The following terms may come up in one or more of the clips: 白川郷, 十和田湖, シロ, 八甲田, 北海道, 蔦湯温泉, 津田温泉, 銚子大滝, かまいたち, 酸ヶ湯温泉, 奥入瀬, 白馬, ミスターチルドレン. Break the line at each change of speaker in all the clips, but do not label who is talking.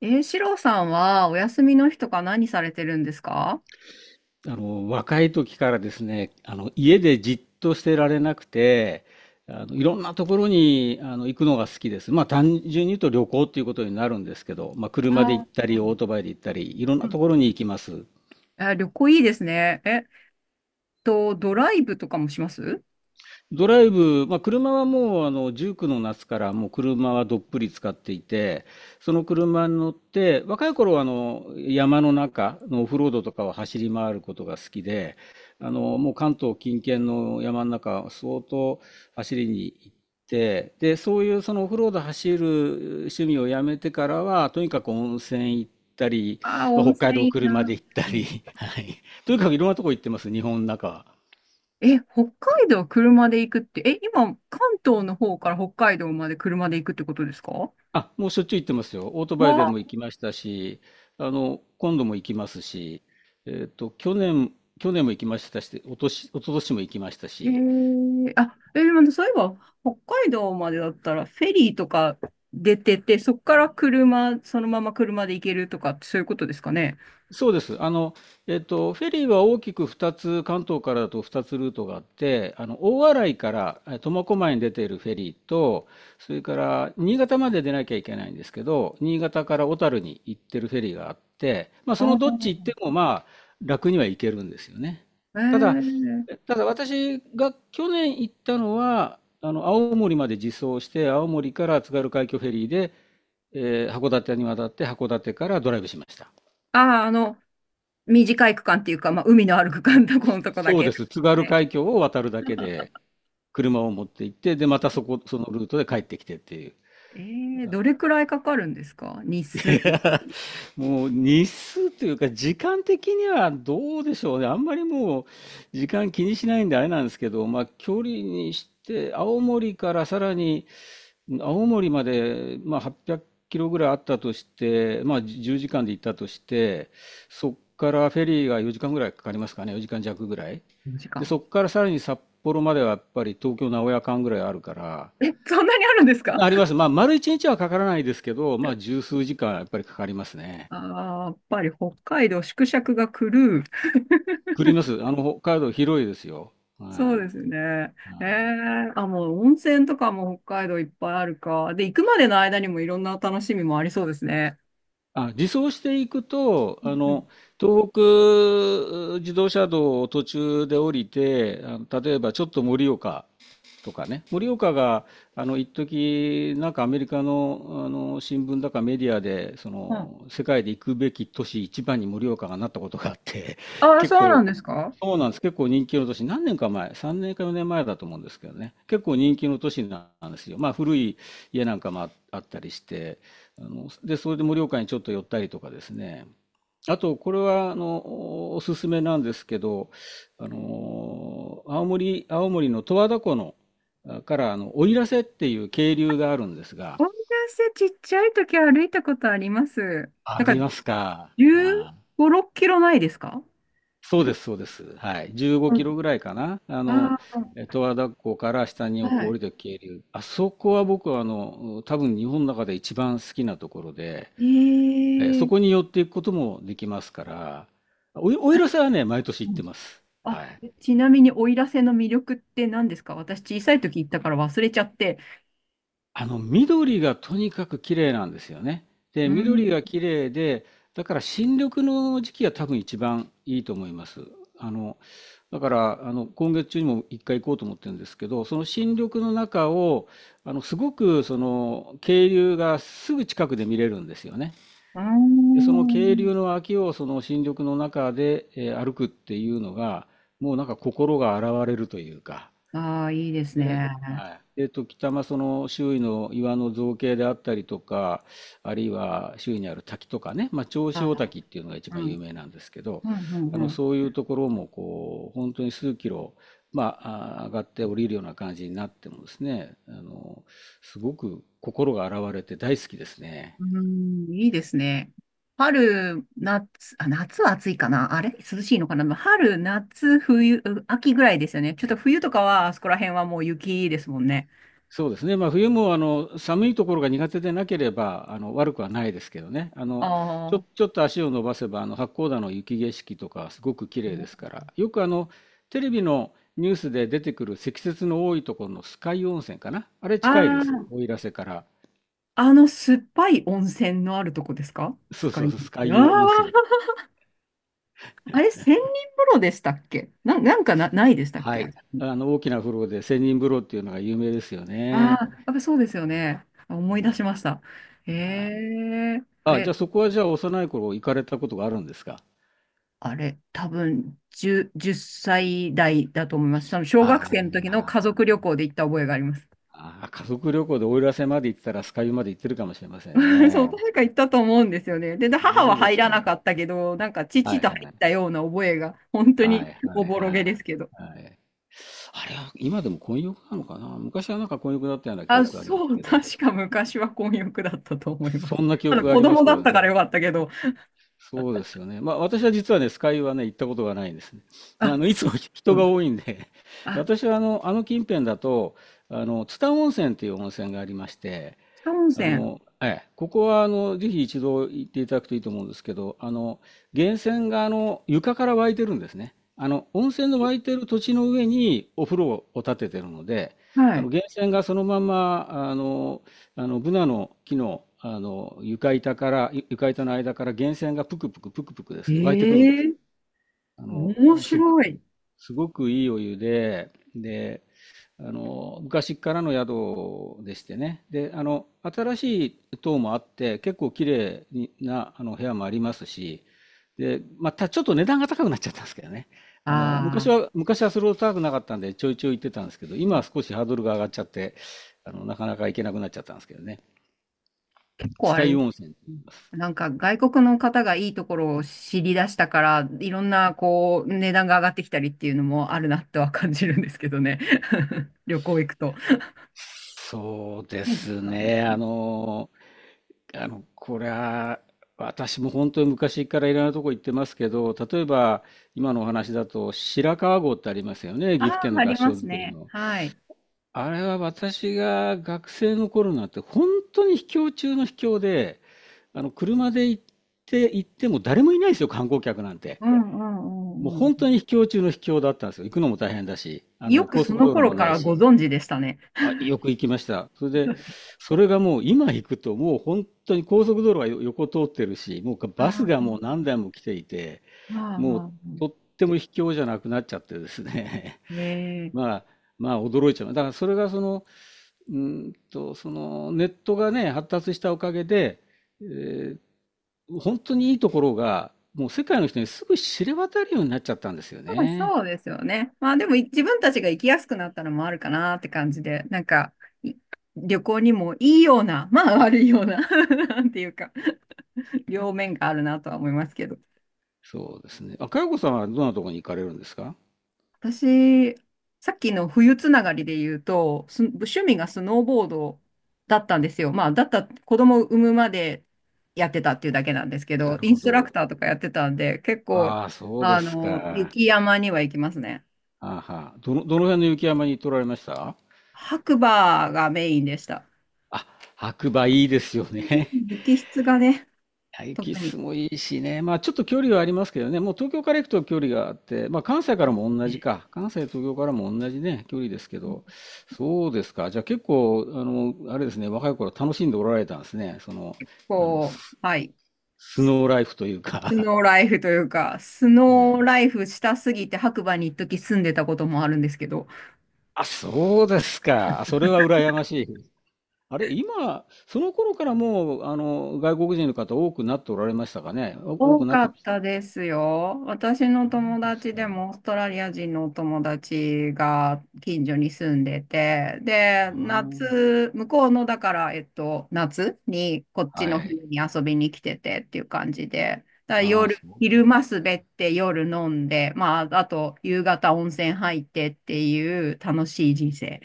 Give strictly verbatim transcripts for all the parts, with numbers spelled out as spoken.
えー、シロさんはお休みの日とか何されてるんですか？
あの、若い時からですね、あの、家でじっとしてられなくて、あの、いろんなところに、あの、行くのが好きです。まあ、単純に言うと旅行っていうことになるんですけど、まあ、車で
あ
行っ
ー。
たり、オートバイで行ったり、いろん
う
なと
ん。
ころに行きます。
あ、旅行いいですね。えっと、ドライブとかもします？
ドライブ、まあ、車はもうあのじゅうきゅうの夏からもう車はどっぷり使っていて、その車に乗って、若い頃はあの山の中のオフロードとかを走り回ることが好きで、あのもう関東近県の山の中、相当走りに行って、で、そういうそのオフロード走る趣味をやめてからは、とにかく温泉行ったり、
ああー、
まあ、
温
北海
泉
道
いい
車で
な。
行った
う
り、
ん。
はい、とにかくいろんなとこ行ってます、日本の中は。
え、北海道車で行くって、え、今、関東の方から北海道まで車で行くってことですか？
あ、もうしょっちゅう行ってますよ。オートバイで
わ、
も行きましたし、あの、今度も行きますし、えっと、去年、去年も行きましたし、おとし、一昨年も行きました
え
し、
ー、あ、えー、まそういえば、北海道までだったら、フェリーとか出てて、そこから車、そのまま車で行けるとか、そういうことですかね。
そうです。あの、えっと、フェリーは大きくふたつ、関東からだとふたつルートがあって、あの、大洗からえー苫小牧に出ているフェリーと、それから新潟まで出なきゃいけないんですけど、新潟から小樽に行ってるフェリーがあって、まあ、
あ
そのどっち行っ
ー、
ても、まあ、楽には行けるんですよね。
え
ただ、
ー
ただ私が去年行ったのは、あの、青森まで自走して、青森から津軽海峡フェリーで、えー函館に渡って、函館からドライブしました。
ああ、あの、短い区間っていうか、まあ、海のある区間のとこのとこだ
そう
けで
です。津
す
軽
ね。
海峡を渡るだけで、車を持って行って、で、また
え
そこ、そのルートで帰ってきてっていう。
え、ーどれくらいかかるんですか、日数って？
もう日数というか、時間的にはどうでしょうね。あんまりもう、時間気にしないんであれなんですけど、まあ、距離にして、青森からさらに、青森まで、まあ、はっぴゃくキロぐらいあったとして、まあ、じゅうじかんで行ったとして、そこからフェリーがよじかんぐらいかかりますかね、よじかん弱ぐらい。
時
で、
間。
そこからさらに札幌まではやっぱり東京名古屋間ぐらいあるから、
え、そんなにあるんですか？
あります。まあ、丸一日はかからないですけど、まあ、十数時間やっぱりかかりますね。
あ あー、やっぱり北海道縮尺が狂う。
くります。あの、北海道広いですよ。は
そうです
い。
ね。え
はい
え、あ、もう温泉とかも北海道いっぱいあるか。で、行くまでの間にもいろんな楽しみもありそうですね。
あ、自走していくと、
う
あの、
ん
東北自動車道を途中で降りて、あの、例えばちょっと盛岡とかね、盛岡が、あの、一時なんかアメリカの、あの、新聞だかメディアで、そ
うん。
の、世界で行くべき都市一番に盛岡がなったことがあって、
ああ、
結
そうな
構、
んですか？
そうなんです。結構人気の都市。何年か前、さんねんかよねんまえだと思うんですけどね。結構人気の都市なんですよ。まあ古い家なんかもああったりして、あの、で、それで盛岡にちょっと寄ったりとかですね。あと、これは、あの、おすすめなんですけど、あの、青森、青森の十和田湖の、あから、あの、奥入瀬っていう渓流があるんですが、
温泉ちっちゃい時歩いたことあります。
あ、あ
なんか
りますか。ああ
じゅうご、ろっキロないですか？
そ
あ
うで
れ。
す、そうです。はい。15キ
うん。
ロぐらいかな。あ
あ
の、
あ。
え十和田湖から下にこう降
は
りてく渓流。あそこは僕はあの、多分日本の中で一番好きなところで、え
い。
そこ
ええ。
に寄っていくこともできますから、お、おい
あ
ら
れ。
さんはね、毎年
う
行って
ん。
ます。
あ、
はい。
ちなみに奥入瀬の魅力って何ですか？私小さい時行ったから忘れちゃって。
あの、緑がとにかく綺麗なんですよね。で、
う
緑
ん。
が綺麗で、だから新緑の時期が多分一番いいと思います。あの、だから、あの、今月中にも一回行こうと思ってるんですけど、その新緑の中を、あの、すごく、その、渓流がすぐ近くで見れるんですよね。
あ
で、その渓
ー。
流の脇を、その新緑の中で、えー歩くっていうのが、もうなんか心が洗われるというか、
あー、いいです
で、
ね。
はい。えっと、北間その周囲の岩の造形であったりとか、あるいは周囲にある滝とかね、まあ、銚子大
あ
滝っていうのが一
ー、う
番有
ん。
名なんですけど、
うん、うん、
あ
う
の
ん。
そういうところもこう本当に数キロ、まあ、あー上がって降りるような感じになってもですね、あのすごく心が洗われて大好きですね。
うんいいですね。春、夏、あ、夏は暑いかな、あれ涼しいのかな、まあ春、夏、冬、う秋ぐらいですよね。ちょっと冬とかは、あそこら辺はもう雪ですもんね。
そうですね。まあ、冬もあの寒いところが苦手でなければあの悪くはないですけどね。あ
あ
のちょ、
あ。
ちょっと足を伸ばせばあの八甲田の雪景色とかすごく綺麗ですから。よくあのテレビのニュースで出てくる積雪の多いところの酸ヶ湯温泉かな。あれ
あ
近いです。
あ、
奥入瀬から。
あの酸っぱい温泉のあるとこですか？ス
そう
カ
そう
イ。
そう、酸ヶ
あ
湯温泉。
あ。あれ、千人風呂でしたっけな、なんかな、ないでしたっ
は
け、あ。
い。あの大きな風呂で千人風呂っていうのが有名ですよ
あ
ね。
ー、やっぱそうですよね。思い
は
出しました。へえ
い。はい。
え。
あ、じゃあそこはじゃあ幼い頃行かれたことがあるんですか。
あれ、多分じゅう、歳代だと思います。その小
あ
学生の時の
あ。
家族旅行で行った覚えがあります。
ああ、家族旅行で奥入瀬まで行ってたら、酸ヶ湯まで行ってるかもしれません
そう、
ね。
確か行ったと思うんですよね。で、で母
そ
は
うで
入
す
ら
か
な
ね。
かったけど、なんか
は
父
い
と入
は
っ
い。
たような覚えが、本当
は
に
いは
お
い
ぼろ
は
げ
い。
ですけど。
はい。あれは今でも混浴なのかな。昔はなんか混浴だったような記
あ、
憶があります
そう、
けど。
確か昔は混浴だったと思いま
そ
す。
んな 記
ただ
憶があ
子
ります
供
け
だっ
ど
たから
ね。
よかったけど、
そうですよね。まあ私は実はね、酸ヶ湯はね、行ったことがないんですね。あ
あ、
の、いつも 人
うん、
が多いんで
あ、
私はあの、あの近辺だと、あの、津田温泉っていう温泉がありまして、
草温
あ
泉。
の、ええ、ここはあのぜひ一度行っていただくといいと思うんですけど、あの源泉があの床から湧いてるんですね。あの温泉の湧いてる土地の上にお風呂を建ててるので、
は
あの
い。
源泉がそのままあのあのブナの木の、あの床板からゆ床板の間から源泉がぷくぷくぷくぷくですね湧いてくるんで
え
す。
え。
あの
面
すご
白い。
すごくいいお湯で、で、あの、昔からの宿でしてね。で、あの、新しい棟もあって、結構綺麗な、あの、部屋もありますし、で、またちょっと値段が高くなっちゃったんですけどね。あの、昔
ああ。
は、昔はそれほど高くなかったんで、ちょいちょい行ってたんですけど、
う
今は
ん。
少しハードルが上がっちゃって、あの、なかなか行けなくなっちゃったんですけどね。
結構あ
蔦湯
れ、
温泉と言います。
なんか外国の方がいいところを知り出したから、いろんなこう、値段が上がってきたりっていうのもあるなとは感じるんですけどね。旅行行くと。
そうで
ないです
す
かね。
ね。あの、あの、これは、私も本当に昔からいろんなとこ行ってますけど、例えば今のお話だと白川郷ってありますよね、
あ
岐阜
あ、
県の
あ
合
りま
掌
す
造り
ね。
の。
はい。
あれは私が学生の頃なんて本当に秘境中の秘境で、あの車で行って行っても誰もいないですよ、観光客なんて。
うんう
もう
んうんうん。
本当に秘境中の秘境だったんですよ。行くのも大変だし、あ
よ
の
く
高
そ
速
の
道路
頃
も
か
ない
らご
し。
存知でしたね。
あ、よく行きました。それで、それがもう今行くともう本当に高速道路はよ横通ってるし、もうかバスがもう
あ
何台も来ていて、
あ、
もう
ああ、
とっても卑怯じゃなくなっちゃってですね。
ええ。
まあ、まあ驚いちゃう。だからそれがその、うーんと、そのネットがね、発達したおかげで、えー本当にいいところがもう世界の人にすぐ知れ渡るようになっちちゃったんですよ
まあ
ね。
そうですよね。まあでもい自分たちが行きやすくなったのもあるかなって感じで、なんかい旅行にもいいような、まあ悪いような なんていうか、両面があるなとは思いますけど。
そうですね。あ、佳代子さんはどんなところに行かれるんですか。
私、さっきの冬つながりで言うと、す趣味がスノーボードだったんですよ。まあ、だった、子供を産むまでやってたっていうだけなんですけ
な
ど、
る
イン
ほ
ストラク
ど。
ターとかやってたんで、結構、
ああ、そうで
あ
すか。
の、
は
雪山には行きますね。
あはあ。どの、どの辺の雪山に取られました。
白馬がメインでした。
あ、白馬いいですよね。
雪質がね、
あ雪
特
質
に、
もいいしね。まあちょっと距離はありますけどね。もう東京から行くと距離があって、まあ関西からも同じか。関西、東京からも同じね、距離ですけど。そうですか。じゃあ結構、あの、あれですね、若い頃楽しんでおられたんですね。その、あの、
こ
ス、
う、はい、
スノーライフという
ス
か
ノーライフというか、ス
ね
ノー
え。
ライフしたすぎて白馬に一時住んでたこともあるんですけど、
あ、そうですか。あそれは羨ましい。あれ、今、その頃からもう、あの、外国人の方多くなっておられましたかね。お多く
多
なっ
か
てま
っ
した。
たですよ。私の
そう
友
です
達で
か。
もオーストラリア人のお友達が近所に住んでて、で、
あ
夏、向こうのだから、えっと、夏にこっ
あ、
ち
は
の
い。
冬に遊びに来ててっていう感じで、だから
ああ、
夜、
そう
昼
で
間
す
滑
か。
って夜飲んで、まあ、あと夕方温泉入ってっていう楽しい人生。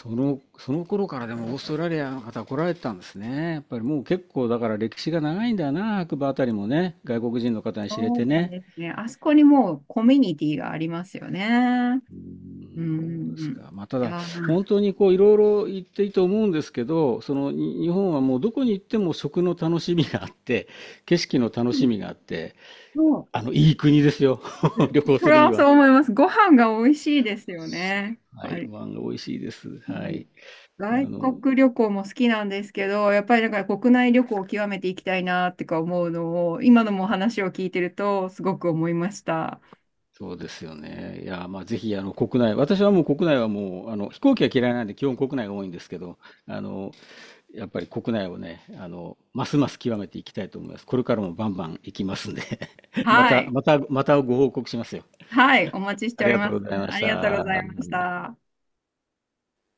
その、その頃からでもオーストラリアの方来られてたんですね。やっぱりもう結構だから歴史が長いんだな、白馬あたりもね、外国人の方に知れ
そ
て
う
ね。
ですね。あそこにもうコミュニティがありますよね。
うー
う
ん、そうです
ん。
か。まあ、た
いや
だ、
なん
本
か
当にこう、いろいろ言っていいと思うんですけど、その、に日本はもうどこに行っても食の楽しみがあって、景色の楽しみがあって、
そう、
あの、いい国ですよ。旅行
そ
す
れ
るに
はそ
は。
う思います。ご飯が美味しいですよね。や
は
っぱ
い。
り、
ご飯が美味しいです。
う
は
ん、
い。あ
外
の、
国旅行も好きなんですけど、やっぱりだから国内旅行を極めていきたいなってか思うのを、今のもお話を聞いてるとすごく思いました。
そうですよね。いや、まあ、ぜひ、あの、国内、私はもう国内はもう、あの、飛行機は嫌いなんで、基本国内が多いんですけど、あの、やっぱり国内をね、あの、ますます極めていきたいと思います。これからもバンバン行きますんで ま
は
た、
い。
また、またご報告しますよ。
はい。お待ちして
あ
お
り
り
がと
ま
う
す。
ございま
あ
し
りがとうございまし
た。
た。